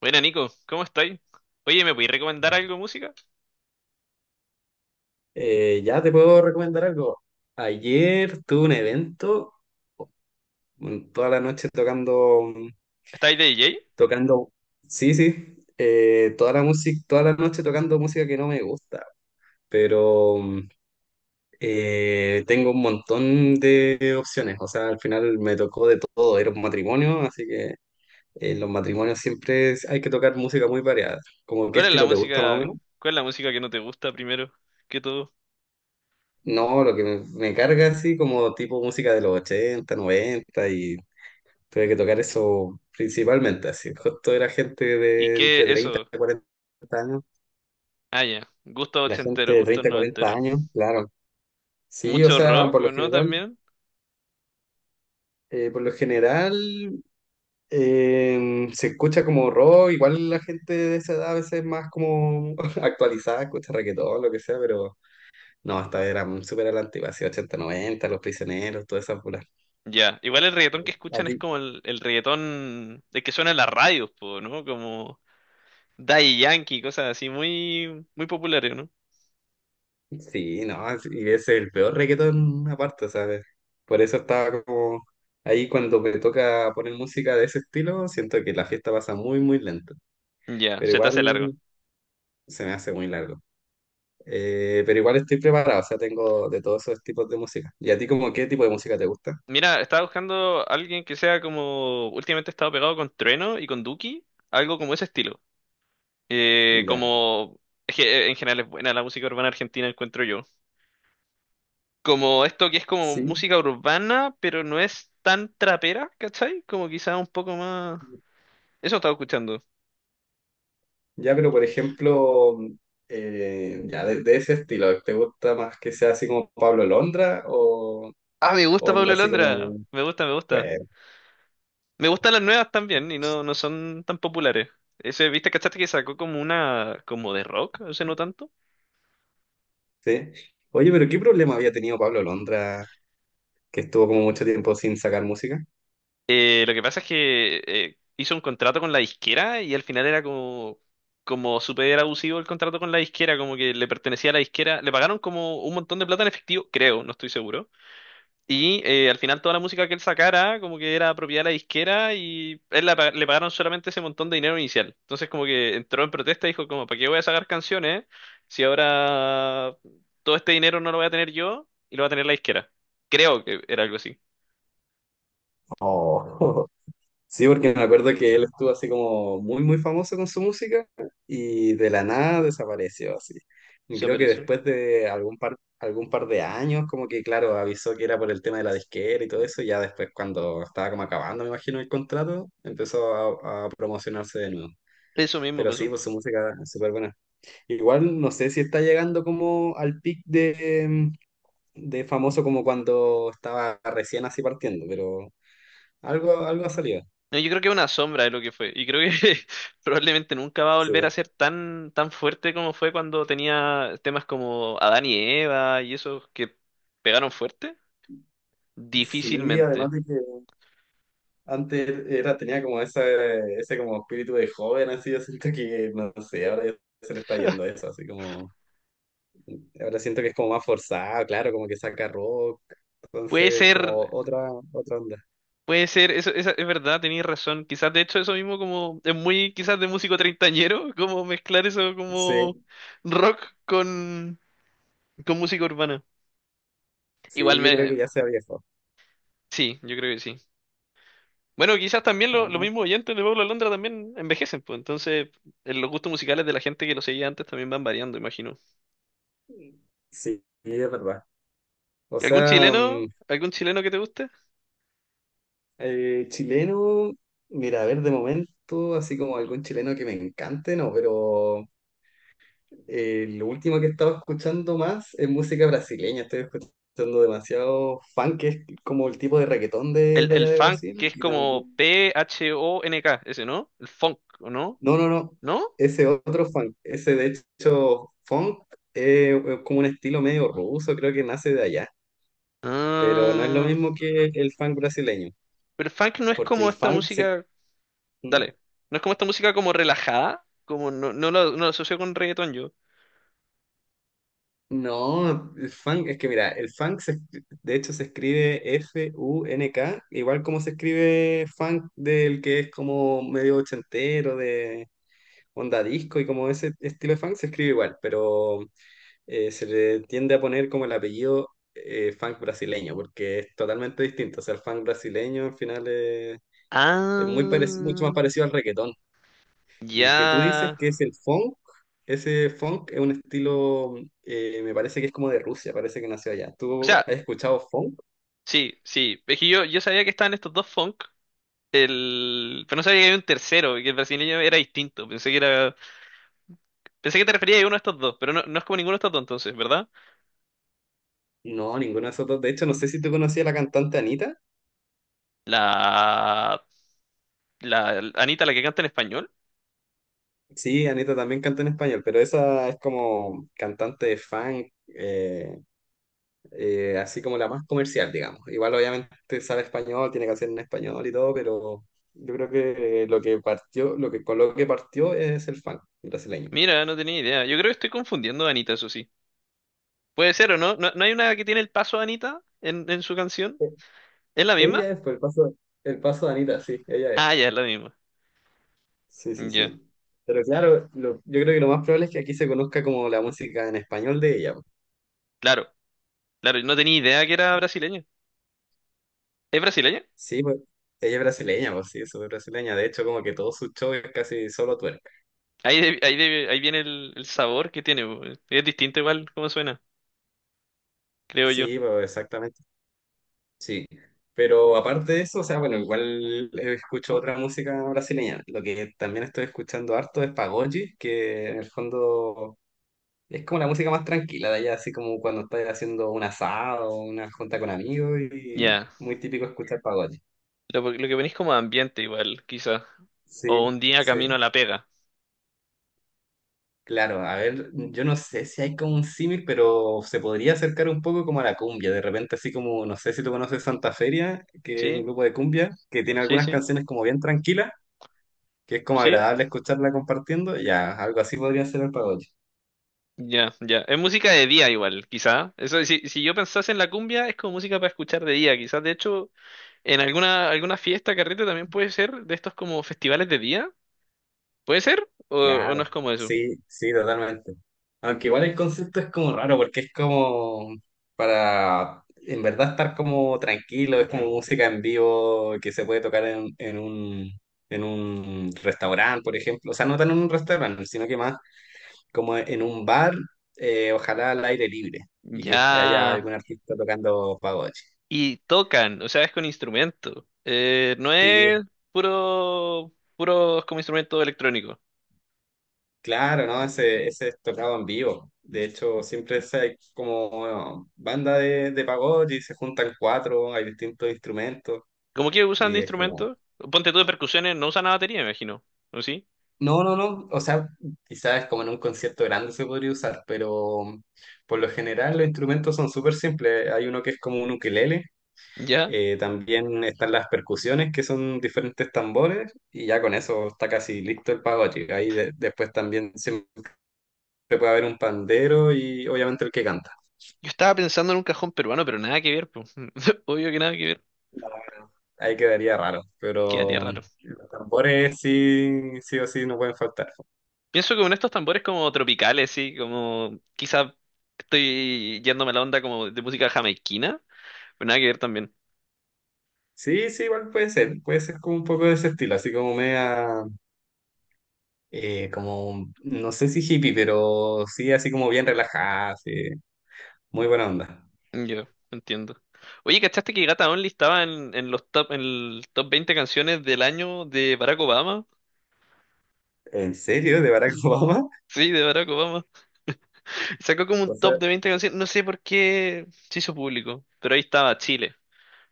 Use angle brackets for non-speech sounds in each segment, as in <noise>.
Buena Nico, ¿cómo estáis? Oye, ¿me podéis recomendar algo de música? Ya te puedo recomendar algo. Ayer tuve un evento, toda la noche tocando, ¿Estáis de DJ? tocando, sí, sí, toda la música, toda la noche tocando música que no me gusta, pero tengo un montón de opciones. O sea, al final me tocó de todo. Era un matrimonio, así que en los matrimonios siempre hay que tocar música muy variada. ¿Como qué ¿Cuál es la estilo te gusta más o música, menos? cuál es la música que no te gusta primero que todo? No, lo que me carga así como tipo música de los 80, 90. Y tuve que tocar eso principalmente, así. Justo era gente ¿Y de entre qué 30 eso? y 40 años. Ah, ya. Gusto La gente ochentero, de gusto 30 a 40 noventero. años, claro. Sí, o ¿Mucho sea, rock por o lo no general, también? eh, por lo general eh, se escucha como rock. Igual la gente de esa edad a veces es más como <laughs> actualizada, escucha reggaetón, lo que sea, pero no, hasta eran súper a la antigua, así 80, 90, Los Prisioneros, todas esas puras. Ya. Igual el reggaetón que ¿A escuchan es ti como el reggaetón de que suena en las radios, po, ¿no? Como Daddy Yankee, cosas así muy, muy populares, ¿no? Sí, no, sí, y es el peor reggaetón aparte, ¿sabes? Por eso estaba como ahí cuando me toca poner música de ese estilo, siento que la fiesta pasa muy, muy lento, Ya, pero se te hace largo. igual se me hace muy largo. Pero igual estoy preparado, o sea, tengo de todos esos tipos de música. ¿Y a ti como qué tipo de música te gusta? Mira, estaba buscando alguien que sea como últimamente he estado pegado con Trueno y con Duki, algo como ese estilo. Ya, Como es que en general es buena la música urbana argentina, encuentro yo. Como esto que es como sí. música urbana, pero no es tan trapera, ¿cachai? Como quizá un poco más. Eso estaba escuchando. Ya, pero por ejemplo, ya de ese estilo, ¿te gusta más que sea así como Pablo Londra o Ah, me gusta onda Pablo así como, Londra. Me gusta, me gusta. bueno. Me gustan las nuevas también y no, no son tan populares. Ese, ¿viste? ¿Cachaste que sacó como una, como de rock? O sea, no tanto. Sí. Oye, pero ¿qué problema había tenido Pablo Londra que estuvo como mucho tiempo sin sacar música? Lo que pasa es que hizo un contrato con la disquera y al final era como, como súper abusivo el contrato con la disquera, como que le pertenecía a la disquera. Le pagaron como un montón de plata en efectivo, creo, no estoy seguro. Y al final toda la música que él sacara como que era propiedad de la disquera y él la pa- le pagaron solamente ese montón de dinero inicial. Entonces como que entró en protesta y dijo como, ¿para qué voy a sacar canciones si ahora todo este dinero no lo voy a tener yo y lo va a tener la disquera? Creo que era algo así. Oh. <laughs> Sí, porque me acuerdo que él estuvo así como muy, muy famoso con su música y de la nada desapareció así. Y creo que Desapareció. después de algún par de años, como que claro, avisó que era por el tema de la disquera y todo eso, y ya después cuando estaba como acabando, me imagino, el contrato, empezó a promocionarse de nuevo. Eso mismo Pero sí, pasó. pues su música es súper buena. Igual no sé si está llegando como al pic de famoso como cuando estaba recién así partiendo, pero algo ha salido. No, yo creo que es una sombra de lo que fue. Y creo que <laughs> probablemente nunca va a Sí, volver a ser tan, tan fuerte como fue cuando tenía temas como Adán y Eva y esos que pegaron fuerte. sí, además Difícilmente. de que antes tenía como ese como espíritu de joven. Así yo siento que, no sé, ahora ya se le está yendo eso, así como, ahora siento que es como más forzado, claro, como que saca rock, Puede entonces como ser, otra onda. puede ser, eso, esa- es verdad, tenías razón. Quizás de hecho eso mismo como es muy quizás de músico treintañero, como mezclar eso Sí, como rock con, con música urbana. Igual sí, yo creo me, que ya se ha viejo. sí, yo creo que sí. Bueno, quizás también lo- los Ahora, mismos oyentes de Pablo Alondra también envejecen, pues entonces los gustos musicales de la gente que lo seguía antes también van variando, imagino. sí, es verdad. O ¿Y ¿Algún sea, chileno? ¿Algún chileno que te guste? Chileno, mira, a ver, de momento, así como algún chileno que me encante, no, pero lo último que he estado escuchando más es música brasileña. Estoy escuchando demasiado funk, que es como el tipo de reggaetón El, de el allá de funk que Brasil. es Y como también. P-H-O-N-K, ese, ¿no? El funk, ¿o no? No, no, no, ¿No? ese otro funk, ese de hecho funk es como un estilo medio ruso, creo que nace de allá, pero no es lo Ah, mismo que el funk brasileño, pero el funk no es porque como el esta funk se. música. Dale. No es como esta música como relajada. Como no, no lo, no lo asocio con reggaetón yo. No, el funk, es que mira, el funk de hecho se escribe funk, igual como se escribe funk del que es como medio ochentero, de onda disco, y como ese estilo de funk se escribe igual, pero se le tiende a poner como el apellido funk brasileño, porque es totalmente distinto. O sea, el funk brasileño al final es, es mucho más Ah, parecido al reggaetón. Y el que tú dices ya. que es el funk, ese funk es un estilo. Me parece que es como de Rusia, parece que nació allá. O ¿Tú sea, has escuchado funk? sí, sí. Es que yo sabía que estaban estos dos funk. El... Pero no sabía que había un tercero y que el brasileño era distinto. Pensé que era... Pensé que te referías a uno de estos dos, pero no, no es como ninguno de estos dos entonces, ¿verdad? No, ninguno de esos dos. De hecho, no sé si tú conocías a la cantante Anita. La... La Anita, la que canta en español. Sí, Anita también canta en español, pero esa es como cantante de funk, así como la más comercial, digamos. Igual obviamente sabe español, tiene que hacer en español y todo, pero yo creo que lo que partió, lo que con lo que partió es el funk brasileño. Mira, no tenía idea. Yo creo que estoy confundiendo a Anita, eso sí. Puede ser o no. ¿No, no hay una que tiene el paso de Anita en su canción? ¿Es la misma? Ella es, por el paso de Anita, sí, ella es. Ah, ya, es la misma. Sí, sí, Ya. sí. Pero claro, yo creo que lo más probable es que aquí se conozca como la música en español de ella, po. Claro, claro. No tenía idea que era brasileña. ¿Es brasileña? Sí, pues ella es brasileña, pues sí, es súper brasileña. De hecho, como que todo su show es casi solo twerk. Ahí, de- ahí, de- ahí viene el sabor que tiene. Es distinto igual como suena, creo yo. Sí, pues exactamente, sí. Pero aparte de eso, o sea, bueno, igual escucho otra música brasileña. Lo que también estoy escuchando harto es pagode, que en el fondo es como la música más tranquila de allá, así como cuando estás haciendo un asado, o una junta con amigos y Ya. muy típico escuchar pagode. Lo que venís como ambiente igual, quizá. Sí, O un día camino a sí. la pega. Claro, a ver, yo no sé si hay como un símil, pero se podría acercar un poco como a la cumbia. De repente, así como, no sé si tú conoces Santa Feria, que es un ¿Sí? grupo de cumbia, que tiene Sí, algunas sí. canciones como bien tranquilas, que es como Sí. agradable escucharla compartiendo. Ya, algo así podría ser el pagode. Ya, ya. Es música de día igual, quizá. Eso, si, si yo pensase en la cumbia, es como música para escuchar de día, quizás. De hecho, en alguna, alguna fiesta, carrete también puede ser de estos como festivales de día. ¿Puede ser? O no Claro, es como eso? sí, sí, totalmente. Aunque igual el concepto es como raro, porque es como para en verdad estar como tranquilo, es como música en vivo que se puede tocar en un restaurante, por ejemplo. O sea, no tan en un restaurante, sino que más como en un bar, ojalá al aire libre, y Ya. que haya algún artista tocando pagode. Y tocan, o sea, es con instrumento. No Sí, es puro, puro como instrumento electrónico. claro, ¿no? Ese es tocado en vivo. De hecho, siempre es como bueno, banda de pagode, se juntan cuatro, hay distintos instrumentos Como que usan de y es como. instrumentos, ponte tú de percusiones, no usan la batería, me imagino. ¿O sí? No, no, no. O sea, quizás como en un concierto grande se podría usar, pero por lo general los instrumentos son súper simples. Hay uno que es como un ukelele. Ya. También están las percusiones que son diferentes tambores y ya con eso está casi listo el pagode. Ahí después también siempre puede haber un pandero y obviamente el que canta. Yo estaba pensando en un cajón peruano, pero nada que ver, pues. <laughs> Obvio que nada que ver. Ahí quedaría raro, Quedaría pero raro. los tambores sí, sí o sí no pueden faltar. Pienso que con estos tambores como tropicales, sí, como quizá estoy yéndome a la onda como de música jamaiquina, pero nada que ver también. Sí, sí, igual puede ser como un poco de ese estilo, así como media, como, no sé si hippie, pero sí, así como bien relajada, sí, muy buena onda. Yo, entiendo. Oye, ¿cachaste que Gata Only estaba en los top, en el top 20 canciones del año de Barack Obama? ¿En serio? ¿De Barack <laughs> Obama? Sí, de Barack Obama. Sacó como un O top sea, de 20 canciones, no sé por qué se hizo público, pero ahí estaba Chile,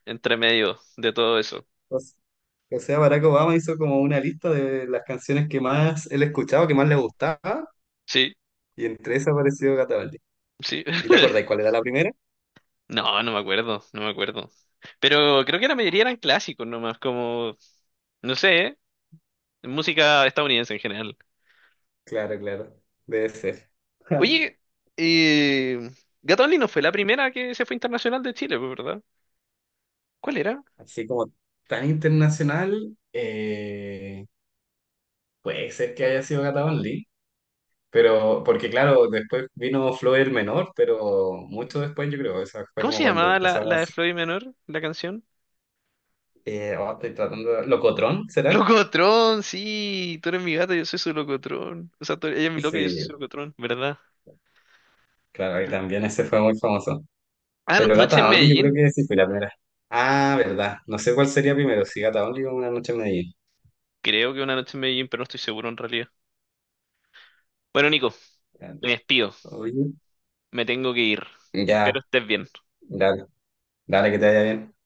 entre medio de todo eso. o s- Barack Obama hizo como una lista de las canciones que más él escuchaba, que más le gustaba, Sí, y entre esas apareció Gatabaldi. sí. ¿Y te acordáis <laughs> cuál era la primera? No, no me acuerdo, no me acuerdo. Pero creo que la mayoría eran clásicos nomás, como, no sé, ¿eh? Música estadounidense en general. Claro, claro, debe ser. <laughs> Oye, eh, Gato Only no fue la primera que se fue internacional de Chile, pues, ¿verdad? ¿Cuál era? Así como tan internacional, puede ser que haya sido Gata Only, pero porque claro, después vino Flow el Menor, pero mucho después yo creo, esa fue ¿Cómo como se cuando llamaba la, empezaba. la de Floyd Menor, la canción? Oh, ¿Locotrón será? Locotrón, sí, tú eres mi gata, yo soy su locotrón. O sea, tú- ella es mi loca, yo soy su Sí, locotrón, ¿verdad? claro, y ¿Verdad? también ese fue muy famoso. Ah, no, Pero noche en Gata Only yo creo Medellín. que sí fue la primera. Ah, verdad, no sé cuál sería primero, si Gata Only o Una Noche en Medellín. Creo que una noche en Medellín, pero no estoy seguro en realidad. Bueno, Nico, me despido, Oye, me tengo que ir. ya, Espero estés bien. dale, dale que te vaya bien.